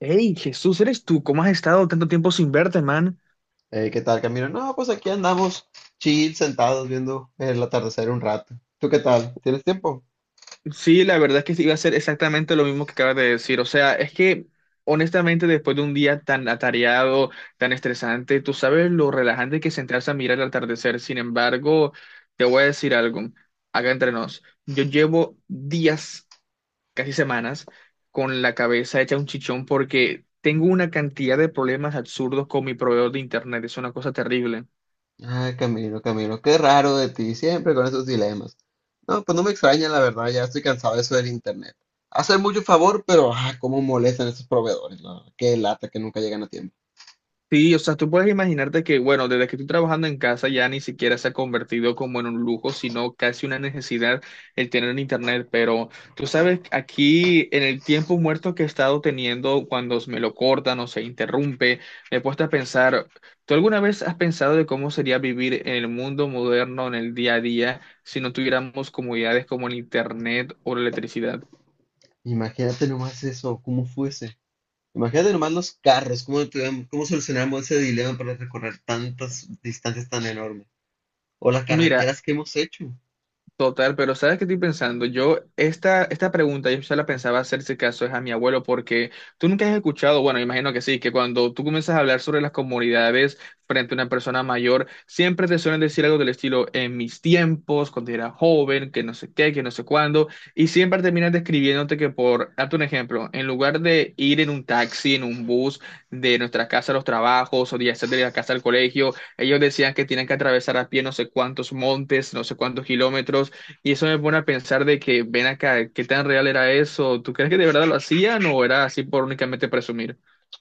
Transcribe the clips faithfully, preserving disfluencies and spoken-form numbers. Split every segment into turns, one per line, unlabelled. Hey, Jesús, ¿eres tú? ¿Cómo has estado tanto tiempo sin verte, man?
Eh, ¿qué tal, Camilo? No, pues aquí andamos chill, sentados viendo el atardecer un rato. ¿Tú qué tal? ¿Tienes tiempo?
Sí, la verdad es que sí, iba a ser exactamente lo mismo que acabas de decir. O sea, es que honestamente después de un día tan atareado, tan estresante, tú sabes lo relajante que es sentarse a mirar el atardecer. Sin embargo, te voy a decir algo, acá entre nos. Yo llevo días, casi semanas, con la cabeza hecha un chichón porque tengo una cantidad de problemas absurdos con mi proveedor de internet. Es una cosa terrible.
Ay, Camilo, Camilo, qué raro de ti, siempre con esos dilemas. No, pues no me extraña, la verdad, ya estoy cansado de eso del internet. Hacen mucho favor, pero ah, cómo molestan esos proveedores, la verdad. Qué lata que nunca llegan a tiempo.
Sí, o sea, tú puedes imaginarte que, bueno, desde que estoy trabajando en casa ya ni siquiera se ha convertido como en un lujo, sino casi una necesidad el tener internet. Pero tú sabes, aquí en el tiempo muerto que he estado teniendo, cuando me lo cortan o se interrumpe, me he puesto a pensar, ¿tú alguna vez has pensado de cómo sería vivir en el mundo moderno, en el día a día, si no tuviéramos comodidades como el internet o la electricidad?
Imagínate nomás eso, cómo fuese. Imagínate nomás los carros, cómo, tuvieron- cómo solucionamos ese dilema para recorrer tantas distancias tan enormes. O las
Mira,
carreteras que hemos hecho.
total, pero ¿sabes qué estoy pensando? Yo, esta, esta pregunta yo ya la pensaba hacer si caso es a mi abuelo, porque tú nunca has escuchado, bueno, imagino que sí, que cuando tú comienzas a hablar sobre las comunidades frente a una persona mayor, siempre te suelen decir algo del estilo, en mis tiempos, cuando era joven, que no sé qué, que no sé cuándo, y siempre terminas describiéndote que por, darte un ejemplo, en lugar de ir en un taxi, en un bus, de nuestra casa a los trabajos, o de hacer de la casa al colegio, ellos decían que tienen que atravesar a pie no sé cuántos montes, no sé cuántos kilómetros, y eso me pone a pensar de que, ven acá, ¿qué tan real era eso? ¿Tú crees que de verdad lo hacían o era así por únicamente presumir?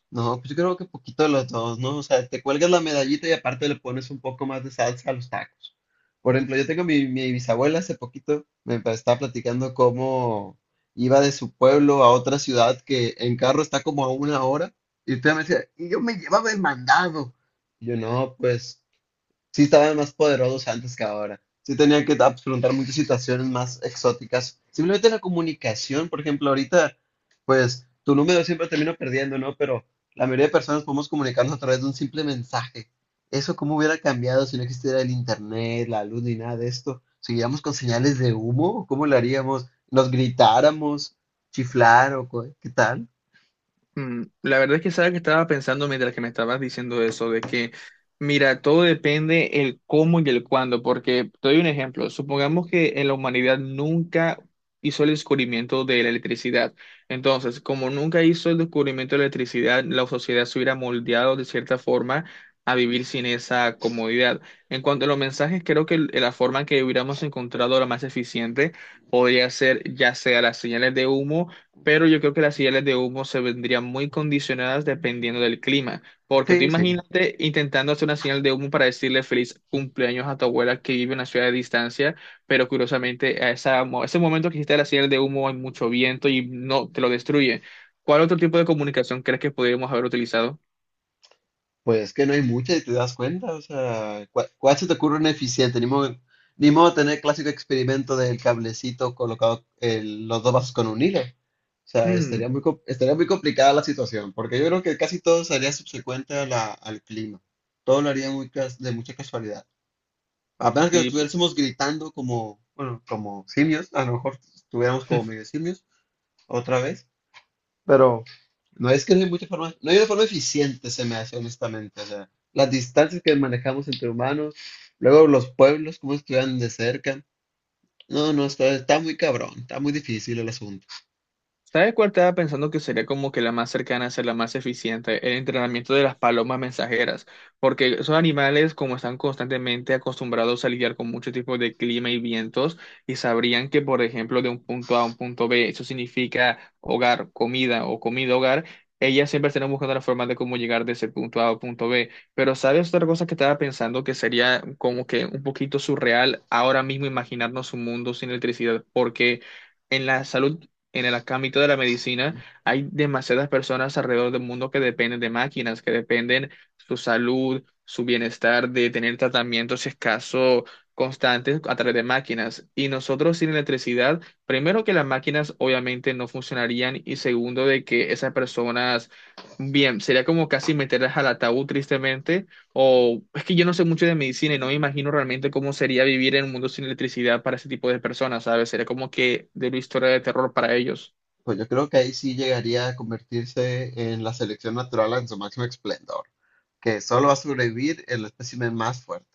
No, pues yo creo que poquito de los dos, ¿no? O sea, te cuelgas la medallita y aparte le pones un poco más de salsa a los tacos. Por ejemplo, yo tengo mi, mi bisabuela hace poquito, me pa- estaba platicando cómo iba de su pueblo a otra ciudad que en carro está como a una hora. Y usted me decía, y yo me llevaba el mandado. Y yo, no, pues sí estaban más poderosos antes que ahora. Sí tenían que afrontar muchas situaciones más exóticas. Simplemente la comunicación, por ejemplo, ahorita, pues tu número siempre termino perdiendo, ¿no? Pero la mayoría de personas podemos comunicarnos a través de un simple mensaje. Eso cómo hubiera cambiado si no existiera el internet, la luz ni nada de esto. ¿Seguiríamos con señales de humo? ¿Cómo lo haríamos? ¿Nos gritáramos? ¿Chiflar o co- qué tal?
Mm, la verdad es que sabes que estaba pensando mientras que me estabas diciendo eso, de que, mira, todo depende el cómo y el cuándo, porque te doy un ejemplo, supongamos que en la humanidad nunca hizo el descubrimiento de la electricidad, entonces, como nunca hizo el descubrimiento de la electricidad, la sociedad se hubiera moldeado de cierta forma a vivir sin esa comodidad. En cuanto a los mensajes, creo que el- la forma en que hubiéramos encontrado la más eficiente podría ser ya sea las señales de humo, pero yo creo que las señales de humo se vendrían muy condicionadas dependiendo del clima, porque tú
Sí, sí.
imagínate intentando hacer una señal de humo para decirle feliz cumpleaños a tu abuela que vive en una ciudad de distancia, pero curiosamente a esa, mo- ese momento que hiciste la señal de humo hay mucho viento y no te lo destruye. ¿Cuál otro tipo de comunicación crees que podríamos haber utilizado?
Pues es que no hay mucha y te das cuenta, o sea, ¿cuál, cuál se te ocurre una eficiente? Ni modo, ni modo tener el clásico experimento del cablecito colocado el- los dos vasos con un hilo. O sea,
Mm,
estaría muy, co- estaría muy complicada la situación, porque yo creo que casi todo sería subsecuente a la- al clima. Todo lo haría muy cas- de mucha casualidad. Apenas que
sí.
estuviésemos gritando como, bueno, como simios, a lo mejor estuviéramos como medio simios otra vez. Pero no es que no hay mucha forma, no hay una forma eficiente, se me hace honestamente. O sea, las distancias que manejamos entre humanos, luego los pueblos, cómo estuvieran de cerca. No, no, está, está muy cabrón, está muy difícil el asunto.
¿Sabes cuál estaba pensando que sería como que la más cercana a ser la más eficiente? El entrenamiento de las palomas mensajeras, porque esos animales como están constantemente acostumbrados a lidiar con muchos tipos de clima y vientos y sabrían que por ejemplo de un punto A a un punto B, eso significa hogar, comida o comida hogar. Ellas siempre estarán buscando la forma de cómo llegar de ese punto A a punto B. Pero ¿sabes otra cosa que estaba pensando que sería como que un poquito surreal ahora mismo imaginarnos un mundo sin electricidad? Porque en la salud, en el ámbito de la medicina, hay demasiadas personas alrededor del mundo que dependen de máquinas, que dependen su salud, su bienestar, de tener tratamientos, si es caso, constantes a través de máquinas. Y nosotros sin electricidad, primero que las máquinas obviamente no funcionarían y segundo de que esas personas, bien, sería como casi meterlas al ataúd tristemente o es que yo no sé mucho de medicina y no me imagino realmente cómo sería vivir en un mundo sin electricidad para ese tipo de personas, ¿sabes? Sería como que de una historia de terror para ellos.
Pues yo creo que ahí sí llegaría a convertirse en la selección natural en su máximo esplendor, que solo va a sobrevivir el espécimen más fuerte.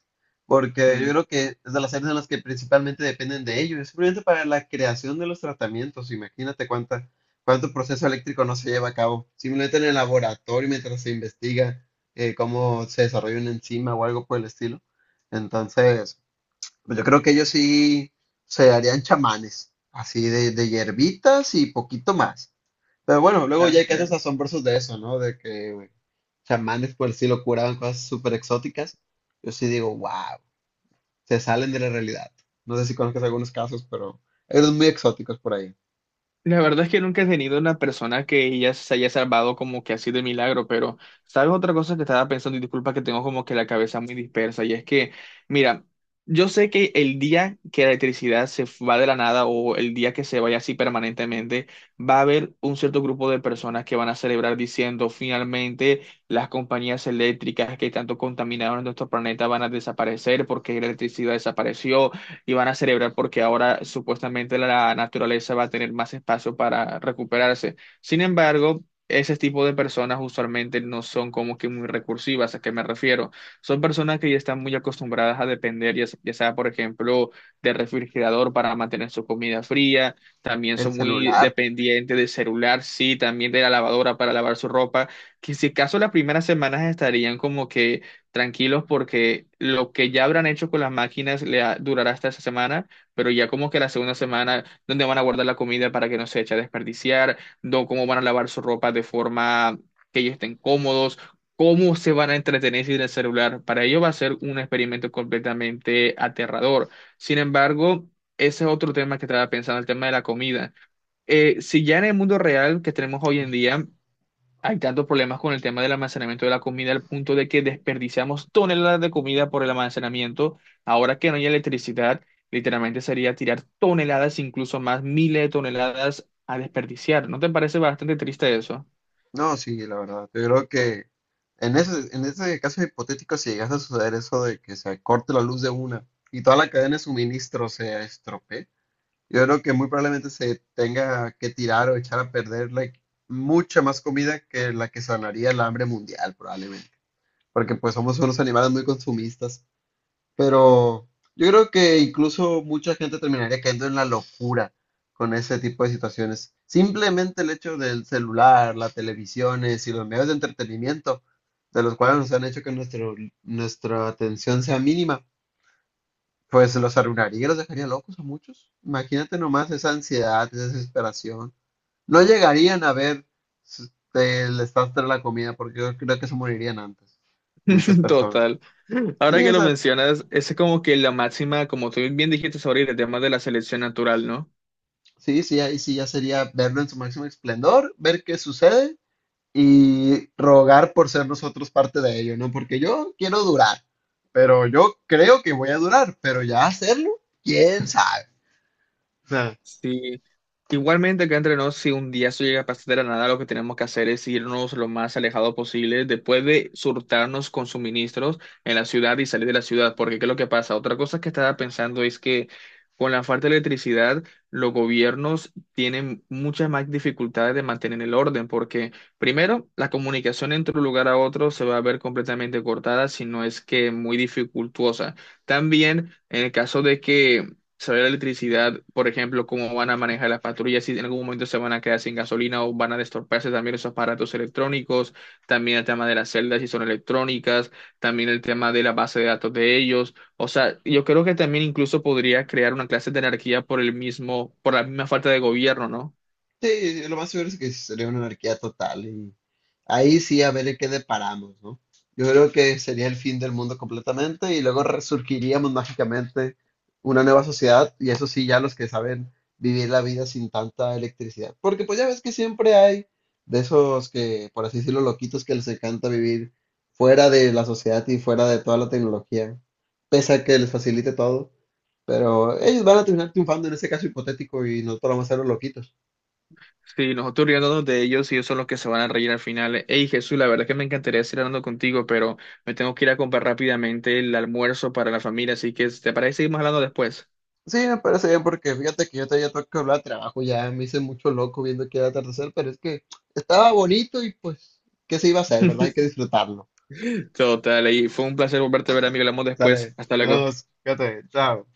Porque yo
Mm.
creo que es de las áreas en las que principalmente dependen de ello, es simplemente para la creación de los tratamientos. Imagínate cuánta, cuánto proceso eléctrico no se lleva a cabo, simplemente en el laboratorio mientras se investiga eh, cómo se desarrolla una enzima o algo por el estilo. Entonces, pues yo creo que ellos sí se harían chamanes, así de, de hierbitas y poquito más. Pero bueno, luego ya
Ah,
hay casos asombrosos de eso, ¿no? De que chamanes por el estilo curaban cosas súper exóticas. Yo sí digo, wow, se salen de la realidad. No sé si conozcas algunos casos, pero hay unos muy exóticos por ahí.
la verdad es que nunca he tenido una persona que ella se haya salvado como que así de milagro, pero ¿sabes otra cosa que estaba pensando? Y disculpa que tengo como que la cabeza muy dispersa, y es que, mira, yo sé que el día que la electricidad se va de la nada o el día que se vaya así permanentemente, va a haber un cierto grupo de personas que van a celebrar diciendo, finalmente las compañías eléctricas que tanto contaminaron nuestro planeta van a desaparecer porque la electricidad desapareció y van a celebrar porque ahora supuestamente la naturaleza va a tener más espacio para recuperarse. Sin embargo, ese tipo de personas usualmente no son como que muy recursivas, ¿a qué me refiero? Son personas que ya están muy acostumbradas a depender, ya, s- ya sea, por ejemplo, del refrigerador para mantener su comida fría, también
El
son muy
celular.
dependientes del celular, sí, también de la lavadora para lavar su ropa, que si acaso las primeras semanas estarían como que tranquilos porque lo que ya habrán hecho con las máquinas le ha- durará hasta esa semana, pero ya como que la segunda semana, donde van a guardar la comida para que no se eche a desperdiciar, no, cómo van a lavar su ropa de forma que ellos estén cómodos, cómo se van a entretener sin el celular. Para ellos va a ser un experimento completamente aterrador. Sin embargo, ese es otro tema que estaba pensando, el tema de la comida. Eh, si ya en el mundo real que tenemos hoy en día, hay tantos problemas con el tema del almacenamiento de la comida al punto de que desperdiciamos toneladas de comida por el almacenamiento. Ahora que no hay electricidad, literalmente sería tirar toneladas, incluso más miles de toneladas a desperdiciar. ¿No te parece bastante triste eso?
No, sí, la verdad. Yo creo que en ese, en ese caso hipotético, si llegase a suceder eso de que se corte la luz de una y toda la cadena de suministro se estropee, yo creo que muy probablemente se tenga que tirar o echar a perder like, mucha más comida que la que sanaría el hambre mundial, probablemente. Porque pues somos unos animales muy consumistas. Pero yo creo que incluso mucha gente terminaría cayendo en la locura con ese tipo de situaciones. Simplemente el hecho del celular, las televisiones y los medios de entretenimiento, de los cuales nos han hecho que nuestro, nuestra atención sea mínima, pues los arruinaría, los dejaría locos a muchos. Imagínate nomás esa ansiedad, esa desesperación. No llegarían a ver s- el desastre de la comida porque yo creo que se morirían antes, muchas personas.
Total. Ahora
Sí,
que
o
lo
sea,
mencionas, esa es como que la máxima, como tú bien dijiste sobre el tema de la selección natural, ¿no?
sí, sí, ahí sí ya sería verlo en su máximo esplendor, ver qué sucede y rogar por ser nosotros parte de ello, ¿no? Porque yo quiero durar, pero yo creo que voy a durar, pero ya hacerlo, quién sabe.
Sí, igualmente acá entre nos, si un día eso llega a pasar de la nada, lo que tenemos que hacer es irnos lo más alejado posible después de surtarnos con suministros en la ciudad y salir de la ciudad, porque ¿qué es lo que pasa? Otra cosa que estaba pensando es que con la falta de electricidad, los gobiernos tienen muchas más dificultades de mantener el orden, porque primero, la comunicación entre un lugar a otro se va a ver completamente cortada, si no es que muy dificultuosa. También, en el caso de que saber la electricidad, por ejemplo, cómo van a manejar las patrullas, si en algún momento se van a quedar sin gasolina o van a destorparse también esos aparatos electrónicos, también el tema de las celdas si son electrónicas, también el tema de la base de datos de ellos. O sea, yo creo que también incluso podría crear una clase de anarquía por el mismo, por la misma falta de gobierno, ¿no?
Sí, lo más seguro es que sería una anarquía total y ahí sí a ver en qué deparamos, ¿no? Yo creo que sería el fin del mundo completamente y luego resurgiríamos mágicamente una nueva sociedad y eso sí ya los que saben vivir la vida sin tanta electricidad. Porque pues ya ves que siempre hay de esos que, por así decirlo, loquitos que les encanta vivir fuera de la sociedad y fuera de toda la tecnología, pese a que les facilite todo, pero ellos van a terminar triunfando en ese caso hipotético y nosotros vamos a ser los loquitos.
Sí, nosotros riéndonos de ellos y ellos son los que se van a reír al final. Hey Jesús, la verdad es que me encantaría seguir hablando contigo, pero me tengo que ir a comprar rápidamente el almuerzo para la familia, así que ¿te parece seguimos hablando después?
Sí, me parece bien porque fíjate que yo todavía tengo que hablar de trabajo, ya me hice mucho loco viendo que era atardecer, pero es que estaba bonito y pues, ¿qué se iba a hacer, verdad? Hay que disfrutarlo.
Total, y fue un placer volverte a ver, amigo. Hablamos después.
Dale,
Hasta
nos
luego.
vemos, fíjate, chao.